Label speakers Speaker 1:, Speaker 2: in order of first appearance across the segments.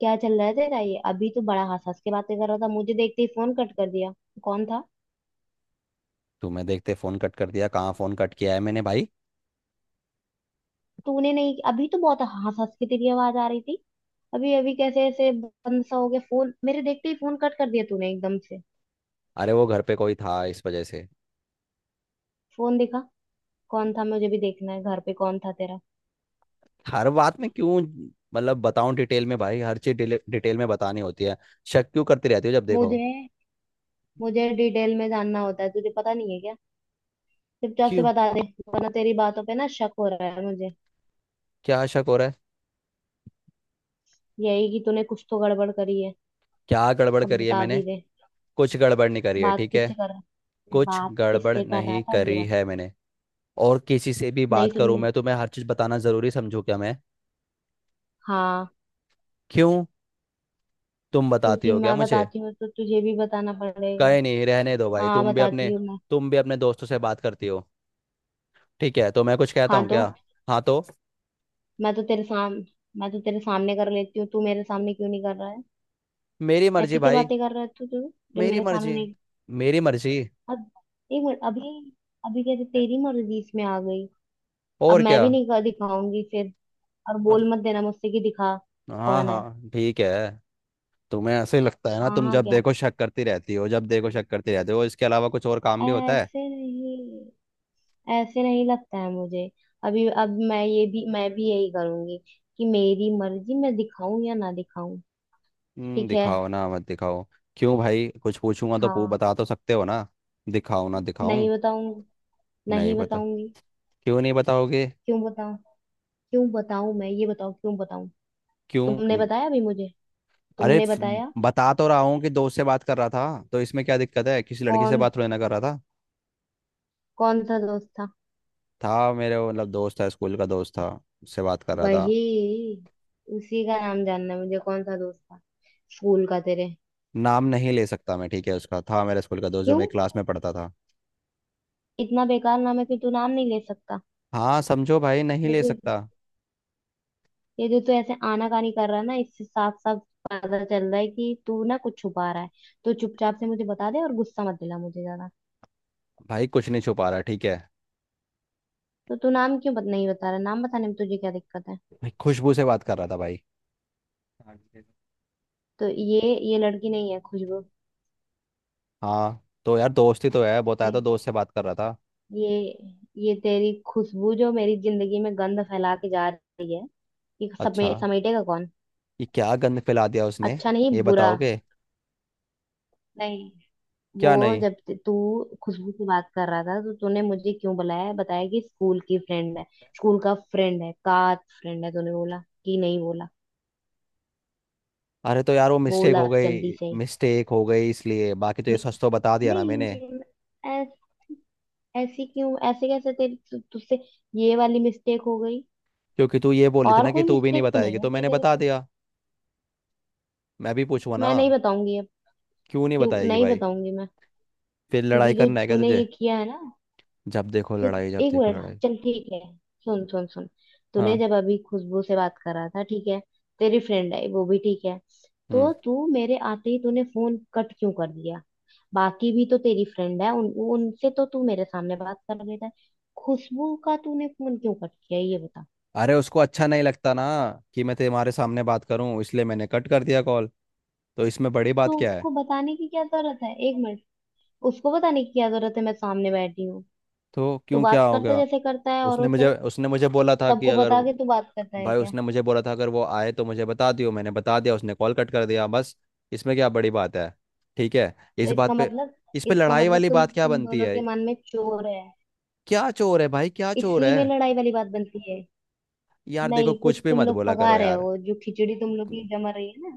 Speaker 1: क्या चल रहा है तेरा? ये अभी तो बड़ा हंस हंस के बातें कर रहा था, मुझे देखते ही फोन कट कर दिया। कौन था?
Speaker 2: तुम्हें देखते फोन कट कर दिया? कहाँ फोन कट किया है मैंने भाई।
Speaker 1: तूने नहीं, अभी तो बहुत हंस हंस के तेरी आवाज आ रही थी। अभी अभी कैसे ऐसे बंद सा हो गया फोन, मेरे देखते ही फोन कट कर दिया तूने एकदम से।
Speaker 2: अरे वो घर पे कोई था इस वजह से।
Speaker 1: फोन दिखा। कौन था? मुझे भी देखना है, घर पे कौन था तेरा?
Speaker 2: हर बात में क्यों? मतलब बताऊं डिटेल में भाई, हर चीज डिटेल में बतानी होती है। शक क्यों करती रहती हो, जब देखो।
Speaker 1: मुझे मुझे डिटेल में जानना होता है, तुझे पता नहीं है क्या? चुपचाप से
Speaker 2: क्यों?
Speaker 1: बता दे। वरना तेरी बातों पे ना शक हो रहा है मुझे।
Speaker 2: क्या शक हो रहा है?
Speaker 1: यही कि तूने कुछ तो गड़बड़ करी है।
Speaker 2: क्या गड़बड़
Speaker 1: अब
Speaker 2: करी है
Speaker 1: बता
Speaker 2: मैंने?
Speaker 1: भी दे।
Speaker 2: कुछ गड़बड़ नहीं करी है,
Speaker 1: बात
Speaker 2: ठीक है।
Speaker 1: किससे कर रहा
Speaker 2: कुछ
Speaker 1: बात
Speaker 2: गड़बड़
Speaker 1: किससे कर रहा
Speaker 2: नहीं
Speaker 1: था, ये
Speaker 2: करी
Speaker 1: बता।
Speaker 2: है मैंने। और किसी से भी बात
Speaker 1: नहीं
Speaker 2: करूं
Speaker 1: सुननी।
Speaker 2: मैं, तो मैं हर चीज बताना जरूरी समझू क्या मैं?
Speaker 1: हाँ।
Speaker 2: क्यों, तुम बताती
Speaker 1: क्योंकि
Speaker 2: हो क्या
Speaker 1: मैं
Speaker 2: मुझे?
Speaker 1: बताती हूँ तो तुझे भी बताना पड़ेगा।
Speaker 2: कहे नहीं, रहने दो भाई,
Speaker 1: हाँ,
Speaker 2: तुम भी अपने,
Speaker 1: बताती हूँ मैं।
Speaker 2: तुम भी अपने दोस्तों से बात करती हो। ठीक है, तो मैं कुछ कहता
Speaker 1: हाँ
Speaker 2: हूँ
Speaker 1: तो।
Speaker 2: क्या? हाँ तो,
Speaker 1: मैं तो तेरे साम मैं तो तेरे सामने कर लेती हूँ, तू मेरे सामने क्यों नहीं कर रहा है?
Speaker 2: मेरी मर्जी
Speaker 1: ऐसी क्या
Speaker 2: भाई।
Speaker 1: बातें कर रहा है तू? जो
Speaker 2: मेरी
Speaker 1: मेरे सामने
Speaker 2: मर्जी।
Speaker 1: नहीं।
Speaker 2: मेरी मर्जी।
Speaker 1: अब एक मिनट अभी। अभी कहते तेरी मर्जी इसमें आ गई। अब
Speaker 2: और
Speaker 1: मैं
Speaker 2: क्या।
Speaker 1: भी नहीं कर दिखाऊंगी फिर। और बोल मत देना मुझसे कि दिखा।
Speaker 2: हाँ
Speaker 1: कौन है?
Speaker 2: हाँ, ठीक है। तुम्हें ऐसे ही लगता है ना,
Speaker 1: हाँ
Speaker 2: तुम
Speaker 1: हाँ,
Speaker 2: जब
Speaker 1: क्या?
Speaker 2: देखो शक करती रहती हो, जब देखो शक करती रहती हो, इसके अलावा कुछ और काम भी होता है?
Speaker 1: ऐसे नहीं ऐसे नहीं लगता है मुझे। अभी अब मैं ये भी मैं भी यही करूंगी कि मेरी मर्जी, मैं दिखाऊं या ना दिखाऊं। ठीक है।
Speaker 2: दिखाओ ना मत दिखाओ। क्यों भाई, कुछ पूछूंगा तो पू,
Speaker 1: हाँ।
Speaker 2: बता तो सकते हो ना? दिखाओ ना दिखाऊं।
Speaker 1: नहीं बताऊंगी।
Speaker 2: नहीं
Speaker 1: नहीं
Speaker 2: पता।
Speaker 1: बताऊंगी।
Speaker 2: क्यों नहीं बताओगे?
Speaker 1: क्यों बताऊं? क्यों बताऊं मैं? ये बताओ, क्यों बताऊं?
Speaker 2: क्यों
Speaker 1: तुमने
Speaker 2: हम्म,
Speaker 1: बताया अभी मुझे?
Speaker 2: अरे
Speaker 1: तुमने
Speaker 2: फ-
Speaker 1: बताया?
Speaker 2: बता तो रहा हूँ कि दोस्त से बात कर रहा था, तो इसमें क्या दिक्कत है? किसी लड़की से
Speaker 1: कौन
Speaker 2: बात थोड़ी ना कर रहा था।
Speaker 1: कौन सा दोस्त था?
Speaker 2: था मेरे वो, मतलब दोस्त था, स्कूल का दोस्त था। उससे बात कर रहा था।
Speaker 1: वही उसी का नाम जानना है मुझे, कौन सा दोस्त था, स्कूल का तेरे?
Speaker 2: नाम नहीं ले सकता मैं, ठीक है, उसका। था मेरे स्कूल का दोस्त, जो
Speaker 1: क्यों,
Speaker 2: मेरी क्लास में पढ़ता था।
Speaker 1: इतना बेकार नाम है कि तू नाम नहीं ले सकता?
Speaker 2: हाँ समझो भाई, नहीं ले
Speaker 1: देखो,
Speaker 2: सकता।
Speaker 1: ये जो तू ऐसे आनाकानी कर रहा है ना, इससे साफ साफ पता चल रहा है कि तू ना कुछ छुपा रहा है। तो चुपचाप से मुझे बता दे और गुस्सा मत दिला मुझे ज्यादा।
Speaker 2: भाई कुछ नहीं छुपा रहा, ठीक है।
Speaker 1: तो तू नाम क्यों बत नहीं बता रहा? नाम बताने में तुझे क्या दिक्कत है?
Speaker 2: भाई खुशबू से बात कर रहा था भाई।
Speaker 1: तो ये लड़की नहीं है खुशबू?
Speaker 2: हाँ तो यार, दोस्ती तो है, बताया
Speaker 1: ये
Speaker 2: तो, दोस्त से बात कर रहा था।
Speaker 1: ये ये तेरी खुशबू जो मेरी जिंदगी में गंध फैला के जा रही है, ये
Speaker 2: अच्छा।
Speaker 1: समेटेगा कौन?
Speaker 2: ये क्या गंद फैला दिया उसने?
Speaker 1: अच्छा
Speaker 2: ये
Speaker 1: नहीं, बुरा।
Speaker 2: बताओगे?
Speaker 1: नहीं। वो,
Speaker 2: क्या नहीं?
Speaker 1: जब तू खुशबू से बात कर रहा था, तो तूने मुझे क्यों बुलाया, बताया कि स्कूल की फ्रेंड है, स्कूल का फ्रेंड है, का फ्रेंड है, तूने बोला कि नहीं बोला?
Speaker 2: अरे तो यार वो मिस्टेक
Speaker 1: बोला,
Speaker 2: हो
Speaker 1: अब जल्दी
Speaker 2: गई।
Speaker 1: से।
Speaker 2: मिस्टेक हो गई इसलिए, बाकी तो ये
Speaker 1: न-
Speaker 2: सच तो बता दिया ना मैंने।
Speaker 1: नहीं, ऐस- ऐसी क्यों, ऐसे कैसे तेरे तुझसे ये वाली मिस्टेक हो गई?
Speaker 2: क्योंकि तू ये बोली थी
Speaker 1: और
Speaker 2: ना कि
Speaker 1: कोई
Speaker 2: तू भी नहीं
Speaker 1: मिस्टेक तो
Speaker 2: बताएगी,
Speaker 1: नहीं
Speaker 2: तो
Speaker 1: होती
Speaker 2: मैंने
Speaker 1: तेरे
Speaker 2: बता
Speaker 1: से?
Speaker 2: दिया। मैं भी पूछूंगा ना।
Speaker 1: मैं नहीं बताऊंगी अब।
Speaker 2: क्यों नहीं
Speaker 1: क्यों
Speaker 2: बताएगी
Speaker 1: नहीं
Speaker 2: भाई?
Speaker 1: बताऊंगी मैं?
Speaker 2: फिर लड़ाई
Speaker 1: क्योंकि जो
Speaker 2: करना है क्या
Speaker 1: तूने
Speaker 2: तुझे?
Speaker 1: ये किया है ना,
Speaker 2: जब देखो
Speaker 1: तो
Speaker 2: लड़ाई, जब
Speaker 1: एक
Speaker 2: देखो
Speaker 1: मिनट,
Speaker 2: लड़ाई।
Speaker 1: चल ठीक है, सुन सुन सुन। तूने
Speaker 2: हाँ।
Speaker 1: जब अभी खुशबू से बात करा था, ठीक है। तेरी फ्रेंड है वो, भी ठीक है।
Speaker 2: हम्म।
Speaker 1: तो तू मेरे आते ही तूने फोन कट क्यों कर दिया? बाकी भी तो तेरी फ्रेंड है, उन उनसे तो तू मेरे सामने बात कर लेता है। खुशबू का तूने फोन क्यों कट किया, ये बता।
Speaker 2: अरे उसको अच्छा नहीं लगता ना कि मैं तुम्हारे सामने बात करूं, इसलिए मैंने कट कर दिया कॉल। तो इसमें बड़ी बात
Speaker 1: तो
Speaker 2: क्या है?
Speaker 1: उसको बताने की क्या जरूरत है? एक मिनट, उसको बताने की क्या जरूरत है? मैं सामने बैठी हूँ।
Speaker 2: तो
Speaker 1: तू
Speaker 2: क्यों, क्या
Speaker 1: बात
Speaker 2: हो
Speaker 1: करता
Speaker 2: गया?
Speaker 1: जैसे करता है
Speaker 2: उसने
Speaker 1: औरों से।
Speaker 2: मुझे उसने मुझे बोला था कि
Speaker 1: सबको
Speaker 2: अगर
Speaker 1: बता
Speaker 2: वो-
Speaker 1: के तू बात करता है
Speaker 2: भाई
Speaker 1: क्या?
Speaker 2: उसने मुझे बोला था, अगर वो आए तो मुझे बता दियो। मैंने बता दिया, उसने कॉल कट कर दिया, बस। इसमें क्या बड़ी बात है? ठीक है,
Speaker 1: तो
Speaker 2: इस
Speaker 1: इसका
Speaker 2: बात पे,
Speaker 1: मतलब,
Speaker 2: इस पे
Speaker 1: इसका
Speaker 2: लड़ाई
Speaker 1: मतलब
Speaker 2: वाली
Speaker 1: तुम
Speaker 2: बात क्या
Speaker 1: तुम
Speaker 2: बनती
Speaker 1: दोनों
Speaker 2: है?
Speaker 1: के मन में चोर है।
Speaker 2: क्या चोर है भाई, क्या चोर
Speaker 1: इसी में
Speaker 2: है?
Speaker 1: लड़ाई वाली बात बनती है।
Speaker 2: यार देखो,
Speaker 1: नहीं, कुछ
Speaker 2: कुछ भी
Speaker 1: तुम
Speaker 2: मत
Speaker 1: लोग
Speaker 2: बोला
Speaker 1: पका
Speaker 2: करो
Speaker 1: रहे
Speaker 2: यार।
Speaker 1: हो, जो खिचड़ी तुम लोग की जमा रही है ना।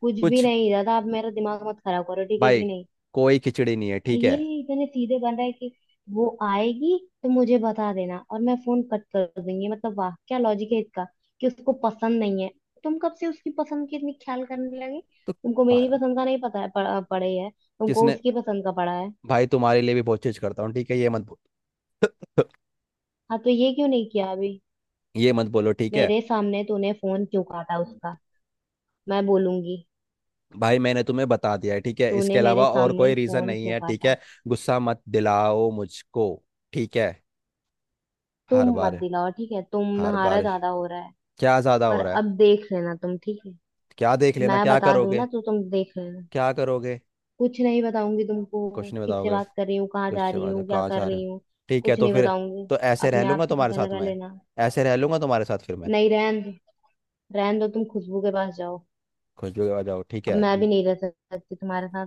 Speaker 1: कुछ भी
Speaker 2: कुछ,
Speaker 1: नहीं दादा, आप मेरा दिमाग मत खराब करो, ठीक है कि
Speaker 2: भाई,
Speaker 1: नहीं?
Speaker 2: कोई खिचड़ी नहीं है,
Speaker 1: और
Speaker 2: ठीक
Speaker 1: ये
Speaker 2: है।
Speaker 1: इतने सीधे बन रहा है कि वो आएगी तो मुझे बता देना और मैं फोन कट कर दूंगी, मतलब वाह, क्या लॉजिक है इसका। कि उसको पसंद नहीं है? तुम कब से उसकी पसंद की इतनी ख्याल करने लगे?
Speaker 2: तो
Speaker 1: तुमको
Speaker 2: भा-
Speaker 1: मेरी पसंद का नहीं पता है पड़े है, तुमको
Speaker 2: किसने?
Speaker 1: उसकी पसंद का पड़ा है?
Speaker 2: भाई तुम्हारे लिए भी बहुत चीज करता हूँ, ठीक है, ये मत बोलो।
Speaker 1: हाँ तो ये क्यों नहीं किया अभी?
Speaker 2: ये मत बोलो, ठीक है।
Speaker 1: मेरे सामने तूने फोन क्यों काटा उसका? मैं बोलूंगी।
Speaker 2: भाई मैंने तुम्हें बता दिया है, ठीक है, इसके
Speaker 1: तूने मेरे
Speaker 2: अलावा और
Speaker 1: सामने
Speaker 2: कोई रीजन
Speaker 1: फोन
Speaker 2: नहीं
Speaker 1: क्यों
Speaker 2: है, ठीक
Speaker 1: काटा?
Speaker 2: है। गुस्सा मत दिलाओ मुझको। ठीक है।
Speaker 1: तुम
Speaker 2: हर
Speaker 1: मत
Speaker 2: बार,
Speaker 1: दिलाओ, ठीक है,
Speaker 2: हर
Speaker 1: तुम्हारा
Speaker 2: बार,
Speaker 1: ज्यादा हो रहा है।
Speaker 2: क्या ज्यादा
Speaker 1: और
Speaker 2: हो रहा है?
Speaker 1: अब देख लेना तुम, ठीक है?
Speaker 2: क्या देख लेना,
Speaker 1: मैं
Speaker 2: क्या
Speaker 1: बता दूं
Speaker 2: करोगे?
Speaker 1: ना, तो तुम देख लेना।
Speaker 2: क्या करोगे?
Speaker 1: कुछ नहीं बताऊंगी तुमको,
Speaker 2: कुछ नहीं
Speaker 1: किससे
Speaker 2: बताओगे?
Speaker 1: बात कर रही हूँ, कहाँ
Speaker 2: कुछ
Speaker 1: जा
Speaker 2: से
Speaker 1: रही
Speaker 2: बात है,
Speaker 1: हूँ, क्या
Speaker 2: कहाँ
Speaker 1: कर
Speaker 2: जा रहे
Speaker 1: रही
Speaker 2: हो।
Speaker 1: हूँ।
Speaker 2: ठीक है
Speaker 1: कुछ
Speaker 2: तो
Speaker 1: नहीं
Speaker 2: फिर,
Speaker 1: बताऊंगी।
Speaker 2: तो ऐसे रह
Speaker 1: अपने आप
Speaker 2: लूंगा
Speaker 1: से
Speaker 2: तुम्हारे
Speaker 1: पता
Speaker 2: साथ
Speaker 1: लगा
Speaker 2: मैं।
Speaker 1: लेना।
Speaker 2: ऐसे रह लूंगा तुम्हारे साथ फिर मैं।
Speaker 1: नहीं रहन दो, रहन दो, तुम खुशबू के पास जाओ।
Speaker 2: खुश भी हो जाओ, ठीक
Speaker 1: अब
Speaker 2: है।
Speaker 1: मैं भी नहीं रह सकती तुम्हारे साथ।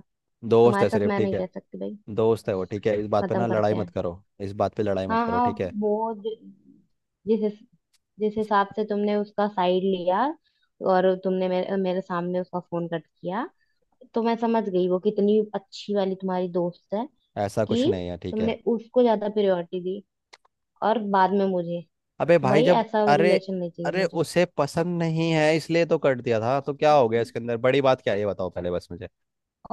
Speaker 2: दोस्त है
Speaker 1: तुम्हारे साथ
Speaker 2: सिर्फ,
Speaker 1: मैं
Speaker 2: ठीक
Speaker 1: नहीं
Speaker 2: है।
Speaker 1: रह सकती भाई।
Speaker 2: दोस्त है वो, ठीक है, इस बात पे
Speaker 1: खत्म
Speaker 2: ना लड़ाई
Speaker 1: करते
Speaker 2: मत
Speaker 1: हैं।
Speaker 2: करो। इस बात पे लड़ाई मत
Speaker 1: हाँ
Speaker 2: करो,
Speaker 1: हाँ।
Speaker 2: ठीक है।
Speaker 1: वो ज- जिस हिस- जिस हिसाब से तुमने उसका साइड लिया और तुमने मेरे मेरे सामने उसका फोन कट किया, तो मैं समझ गई वो कितनी अच्छी वाली तुम्हारी दोस्त है।
Speaker 2: ऐसा
Speaker 1: कि
Speaker 2: कुछ नहीं है, ठीक है।
Speaker 1: तुमने उसको ज्यादा प्रायोरिटी दी, और बाद में मुझे।
Speaker 2: अबे
Speaker 1: तो
Speaker 2: भाई
Speaker 1: भाई,
Speaker 2: जब
Speaker 1: ऐसा
Speaker 2: अरे
Speaker 1: रिलेशन नहीं चाहिए
Speaker 2: अरे
Speaker 1: मुझे।
Speaker 2: उसे पसंद नहीं है इसलिए तो कट दिया था, तो क्या हो गया? इसके अंदर बड़ी बात क्या है, ये बताओ पहले बस मुझे।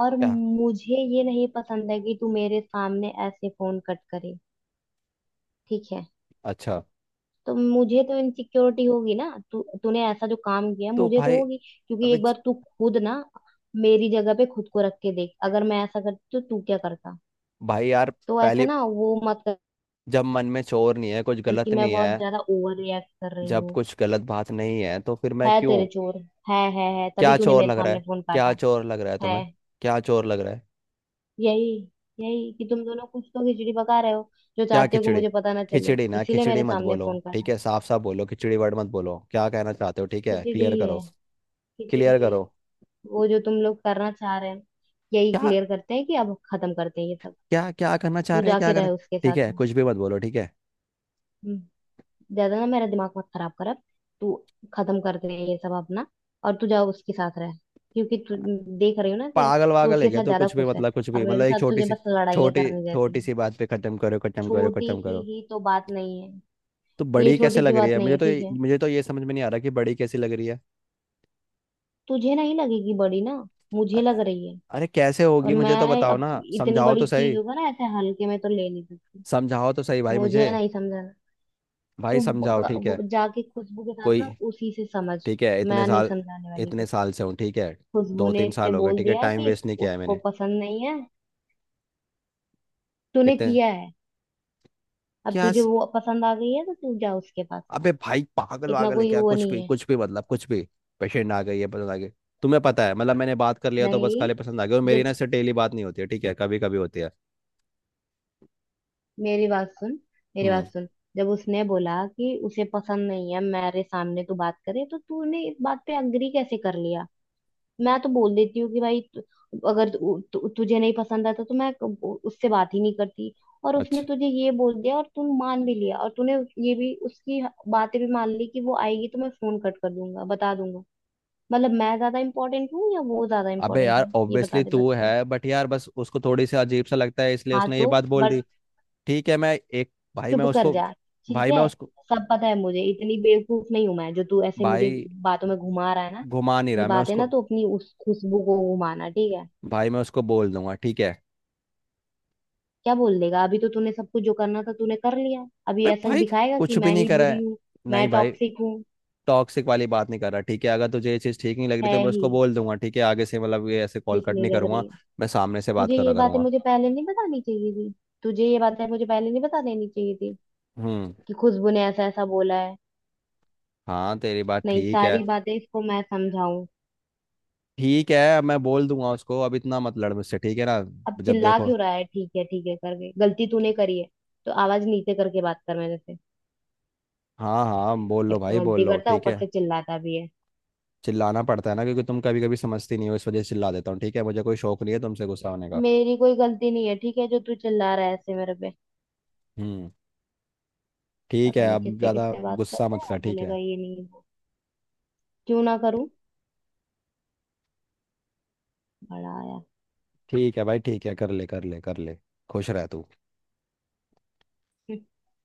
Speaker 1: और मुझे ये नहीं पसंद है कि तू मेरे सामने ऐसे फोन कट करे। ठीक है?
Speaker 2: अच्छा।
Speaker 1: तो मुझे तो इनसिक्योरिटी होगी ना। तू तूने ऐसा जो काम किया,
Speaker 2: तो
Speaker 1: मुझे तो
Speaker 2: भाई
Speaker 1: होगी, क्योंकि
Speaker 2: अबे
Speaker 1: एक
Speaker 2: ज-
Speaker 1: बार तू खुद ना मेरी जगह पे खुद को रख के देख, अगर मैं ऐसा करती तो तू क्या करता।
Speaker 2: भाई यार,
Speaker 1: तो ऐसा
Speaker 2: पहले।
Speaker 1: ना वो मत
Speaker 2: जब मन में चोर नहीं है, कुछ
Speaker 1: कर कि
Speaker 2: गलत
Speaker 1: मैं
Speaker 2: नहीं
Speaker 1: बहुत
Speaker 2: है।
Speaker 1: ज्यादा ओवर रिएक्ट कर रही
Speaker 2: जब
Speaker 1: हूँ।
Speaker 2: कुछ गलत बात नहीं है, तो फिर मैं
Speaker 1: है
Speaker 2: क्यों?
Speaker 1: तेरे चोर, है तभी
Speaker 2: क्या
Speaker 1: तूने
Speaker 2: चोर
Speaker 1: मेरे
Speaker 2: लग रहा
Speaker 1: सामने
Speaker 2: है?
Speaker 1: फोन
Speaker 2: क्या
Speaker 1: काटा।
Speaker 2: चोर लग रहा है
Speaker 1: है
Speaker 2: तुम्हें? क्या चोर लग रहा है?
Speaker 1: यही यही कि तुम दोनों कुछ तो खिचड़ी पका रहे हो, जो
Speaker 2: क्या
Speaker 1: चाहते हो कि
Speaker 2: खिचड़ी?
Speaker 1: मुझे पता ना चले,
Speaker 2: खिचड़ी ना,
Speaker 1: इसीलिए
Speaker 2: खिचड़ी
Speaker 1: मेरे
Speaker 2: मत
Speaker 1: सामने
Speaker 2: बोलो,
Speaker 1: फोन
Speaker 2: ठीक
Speaker 1: काटा।
Speaker 2: है। साफ साफ बोलो, खिचड़ी वर्ड मत बोलो, क्या कहना चाहते हो, ठीक है,
Speaker 1: खिचड़ी
Speaker 2: क्लियर करो।
Speaker 1: है। खिचड़ी
Speaker 2: क्लियर
Speaker 1: है।
Speaker 2: करो।
Speaker 1: वो, जो तुम लोग करना चाह रहे हैं। यही
Speaker 2: क्या?
Speaker 1: क्लियर करते हैं कि अब खत्म करते हैं ये सब।
Speaker 2: क्या क्या करना चाह
Speaker 1: तू
Speaker 2: रहे हैं, क्या
Speaker 1: जाके
Speaker 2: करना?
Speaker 1: रहे उसके
Speaker 2: ठीक
Speaker 1: साथ
Speaker 2: है,
Speaker 1: में।
Speaker 2: कुछ भी मत बोलो, ठीक है।
Speaker 1: हम्म, ज्यादा ना मेरा दिमाग मत खराब कर अब। तू, खत्म करते हैं ये सब अपना, और तू जाओ उसके साथ रह। क्योंकि तू, देख रही हो ना कि
Speaker 2: पागल
Speaker 1: तू
Speaker 2: वागल है
Speaker 1: उसके
Speaker 2: क्या
Speaker 1: साथ
Speaker 2: तो,
Speaker 1: ज्यादा
Speaker 2: कुछ भी
Speaker 1: खुश है
Speaker 2: मतलब, कुछ
Speaker 1: और
Speaker 2: भी मतलब,
Speaker 1: मेरे
Speaker 2: एक
Speaker 1: साथ
Speaker 2: छोटी
Speaker 1: तुझे
Speaker 2: सी,
Speaker 1: बस लड़ाइयाँ
Speaker 2: छोटी
Speaker 1: करने देती
Speaker 2: छोटी
Speaker 1: है।
Speaker 2: सी बात पे खत्म करो, खत्म करो,
Speaker 1: छोटी
Speaker 2: खत्म
Speaker 1: सी
Speaker 2: करो।
Speaker 1: ही तो बात नहीं है।
Speaker 2: तो
Speaker 1: ये
Speaker 2: बड़ी कैसे
Speaker 1: छोटी सी
Speaker 2: लग रही
Speaker 1: बात
Speaker 2: है
Speaker 1: नहीं
Speaker 2: मुझे,
Speaker 1: है,
Speaker 2: तो
Speaker 1: ठीक है।
Speaker 2: मुझे तो ये समझ में नहीं आ रहा कि बड़ी कैसी लग रही है।
Speaker 1: तुझे नहीं लगेगी बड़ी ना, मुझे लग
Speaker 2: अ-
Speaker 1: रही है।
Speaker 2: अरे कैसे
Speaker 1: और
Speaker 2: होगी, मुझे तो
Speaker 1: मैं
Speaker 2: बताओ
Speaker 1: अब
Speaker 2: ना,
Speaker 1: इतनी
Speaker 2: समझाओ
Speaker 1: बड़ी
Speaker 2: तो
Speaker 1: चीज
Speaker 2: सही।
Speaker 1: होगा ना ऐसे हल्के में तो ले नहीं सकती।
Speaker 2: समझाओ तो सही भाई मुझे।
Speaker 1: मुझे नहीं समझा।
Speaker 2: भाई
Speaker 1: तो
Speaker 2: समझाओ, ठीक
Speaker 1: वो
Speaker 2: है।
Speaker 1: जाके खुशबू के साथ
Speaker 2: कोई,
Speaker 1: ना उसी से समझ।
Speaker 2: ठीक है, इतने
Speaker 1: मैं नहीं
Speaker 2: साल,
Speaker 1: समझाने वाली
Speaker 2: इतने
Speaker 1: कुछ।
Speaker 2: साल से हूँ, ठीक है।
Speaker 1: खुशबू
Speaker 2: दो
Speaker 1: ने
Speaker 2: तीन
Speaker 1: इससे
Speaker 2: साल हो गए,
Speaker 1: बोल
Speaker 2: ठीक है,
Speaker 1: दिया
Speaker 2: टाइम
Speaker 1: कि
Speaker 2: वेस्ट नहीं किया है
Speaker 1: उसको
Speaker 2: मैंने।
Speaker 1: पसंद नहीं है? तूने
Speaker 2: इतने,
Speaker 1: किया है। अब
Speaker 2: क्या
Speaker 1: तुझे
Speaker 2: स-
Speaker 1: वो पसंद आ गई है तो तू जा उसके पास।
Speaker 2: अबे भाई, पागल
Speaker 1: इतना
Speaker 2: वागल है
Speaker 1: कोई
Speaker 2: क्या?
Speaker 1: वो
Speaker 2: कुछ
Speaker 1: नहीं
Speaker 2: भी,
Speaker 1: है।
Speaker 2: कुछ भी मतलब, कुछ भी। पेशेंट आ गई, ये पसंद आ गई। तुम्हें पता है मतलब, मैंने बात कर लिया तो बस
Speaker 1: नहीं।
Speaker 2: खाली पसंद आ गई? और मेरी ना
Speaker 1: जब,
Speaker 2: इससे डेली बात नहीं होती है, ठीक है, कभी कभी होती है।
Speaker 1: मेरी बात सुन, मेरी
Speaker 2: हम्म।
Speaker 1: बात सुन। जब उसने बोला कि उसे पसंद नहीं है मेरे सामने तू बात करे, तो तूने इस बात पे अग्री कैसे कर लिया? मैं तो बोल देती हूँ कि भाई अगर तु, तु, तुझे नहीं पसंद आता तो मैं उससे बात ही नहीं करती। और उसने
Speaker 2: अच्छा।
Speaker 1: तुझे ये बोल दिया और तूने मान भी लिया, और तूने ये भी, उसकी बातें भी मान ली कि वो आएगी तो मैं फोन कट कर दूंगा, बता दूंगा। मतलब मैं ज्यादा इम्पोर्टेंट हूँ या वो ज्यादा
Speaker 2: अबे
Speaker 1: इम्पोर्टेंट
Speaker 2: यार,
Speaker 1: है, ये बता
Speaker 2: ऑब्वियसली
Speaker 1: दे
Speaker 2: तू
Speaker 1: बस तू।
Speaker 2: है, बट यार बस उसको थोड़ी सी अजीब सा लगता है, इसलिए
Speaker 1: हाँ
Speaker 2: उसने ये
Speaker 1: तो।
Speaker 2: बात बोल दी।
Speaker 1: बट।
Speaker 2: ठीक है, मैं एक भाई,
Speaker 1: चुप
Speaker 2: मैं
Speaker 1: कर
Speaker 2: उसको।
Speaker 1: जा, ठीक
Speaker 2: भाई
Speaker 1: है। सब पता है मुझे, इतनी बेवकूफ नहीं हूं मैं, जो तू ऐसे मुझे
Speaker 2: भाई
Speaker 1: बातों में घुमा रहा है ना।
Speaker 2: घुमा नहीं
Speaker 1: ये
Speaker 2: रहा। मैं
Speaker 1: बात है ना,
Speaker 2: उसको,
Speaker 1: तो अपनी उस खुशबू को घुमाना, ठीक है।
Speaker 2: भाई, मैं उसको बोल दूंगा, ठीक है।
Speaker 1: क्या बोल देगा? अभी तो तूने सब कुछ जो करना था तूने कर लिया, अभी
Speaker 2: बे
Speaker 1: ऐसा
Speaker 2: भाई,
Speaker 1: दिखाएगा कि
Speaker 2: कुछ भी
Speaker 1: मैं
Speaker 2: नहीं
Speaker 1: ही
Speaker 2: करा
Speaker 1: बुरी
Speaker 2: है।
Speaker 1: हूँ,
Speaker 2: नहीं
Speaker 1: मैं
Speaker 2: भाई,
Speaker 1: टॉक्सिक हूँ।
Speaker 2: टॉक्सिक वाली बात नहीं कर रहा, ठीक है। अगर तुझे ये चीज़ ठीक नहीं लग रही,
Speaker 1: है
Speaker 2: तो मैं
Speaker 1: ही,
Speaker 2: उसको बोल दूंगा, ठीक है। आगे से मतलब ये ऐसे कॉल
Speaker 1: ठीक
Speaker 2: कट
Speaker 1: नहीं
Speaker 2: नहीं
Speaker 1: लग
Speaker 2: करूंगा।
Speaker 1: रही है।
Speaker 2: मैं सामने से बात
Speaker 1: तुझे
Speaker 2: करा
Speaker 1: ये बातें
Speaker 2: करूंगा।
Speaker 1: मुझे पहले नहीं बतानी चाहिए थी? तुझे ये बातें मुझे पहले नहीं बता देनी चाहिए थी
Speaker 2: हम्म।
Speaker 1: कि खुशबू ने ऐसा ऐसा बोला है?
Speaker 2: हाँ तेरी बात
Speaker 1: नहीं,
Speaker 2: ठीक है।
Speaker 1: सारी बातें इसको मैं समझाऊं।
Speaker 2: ठीक है अब मैं बोल दूंगा उसको, अब इतना मत लड़ मुझसे, ठीक है ना।
Speaker 1: अब
Speaker 2: जब
Speaker 1: चिल्ला
Speaker 2: देखो,
Speaker 1: क्यों रहा है? ठीक है ठीक है, करके गलती तूने करी है, तो आवाज नीचे करके बात कर मेरे से।
Speaker 2: हाँ हाँ, बोल लो
Speaker 1: एक तो
Speaker 2: भाई, बोल
Speaker 1: गलती
Speaker 2: लो,
Speaker 1: करता है,
Speaker 2: ठीक
Speaker 1: ऊपर
Speaker 2: है।
Speaker 1: से चिल्लाता भी है।
Speaker 2: चिल्लाना पड़ता है ना, क्योंकि तुम कभी कभी समझती नहीं हो, इस वजह से चिल्ला देता हूँ, ठीक है, मुझे कोई शौक नहीं है तुमसे गुस्सा होने का।
Speaker 1: मेरी कोई गलती नहीं है, ठीक है, जो तू चिल्ला रहा है ऐसे मेरे पे।
Speaker 2: हम्म। ठीक है,
Speaker 1: पता नहीं
Speaker 2: अब
Speaker 1: किससे
Speaker 2: ज़्यादा
Speaker 1: किससे बात
Speaker 2: गुस्सा
Speaker 1: करता है,
Speaker 2: मत
Speaker 1: और
Speaker 2: कर, ठीक
Speaker 1: बोलेगा
Speaker 2: है।
Speaker 1: ये नहीं, वो। क्यों ना करूं, बड़ा आया।
Speaker 2: ठीक है भाई, ठीक है, कर ले, कर ले, कर ले। खुश रह तू।
Speaker 1: हम्म,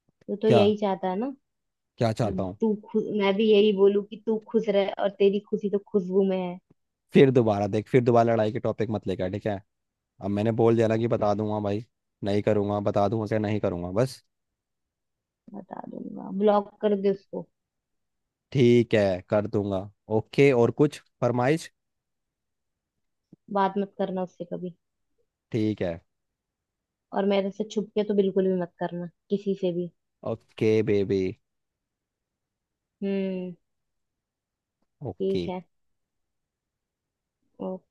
Speaker 1: तो
Speaker 2: क्या?
Speaker 1: यही चाहता है ना
Speaker 2: क्या चाहता
Speaker 1: कि
Speaker 2: हूँ?
Speaker 1: तू खुश, मैं भी यही बोलूं कि तू खुश रहे, और तेरी खुशी तो खुशबू में है।
Speaker 2: फिर दोबारा देख, फिर दोबारा लड़ाई के टॉपिक मत लेकर, ठीक है। अब मैंने बोल दिया ना कि बता दूंगा भाई। नहीं करूंगा, बता दूंगा, क्या नहीं करूंगा, बस।
Speaker 1: बता दूंगा, ब्लॉक कर दे उसको।
Speaker 2: ठीक है, कर दूंगा। ओके, और कुछ फरमाइश?
Speaker 1: बात मत करना उससे कभी,
Speaker 2: ठीक है।
Speaker 1: और मेरे से छुप के तो बिल्कुल भी मत करना किसी से भी।
Speaker 2: Okay baby.
Speaker 1: हम्म।
Speaker 2: ओके।
Speaker 1: ठीक है। ओके।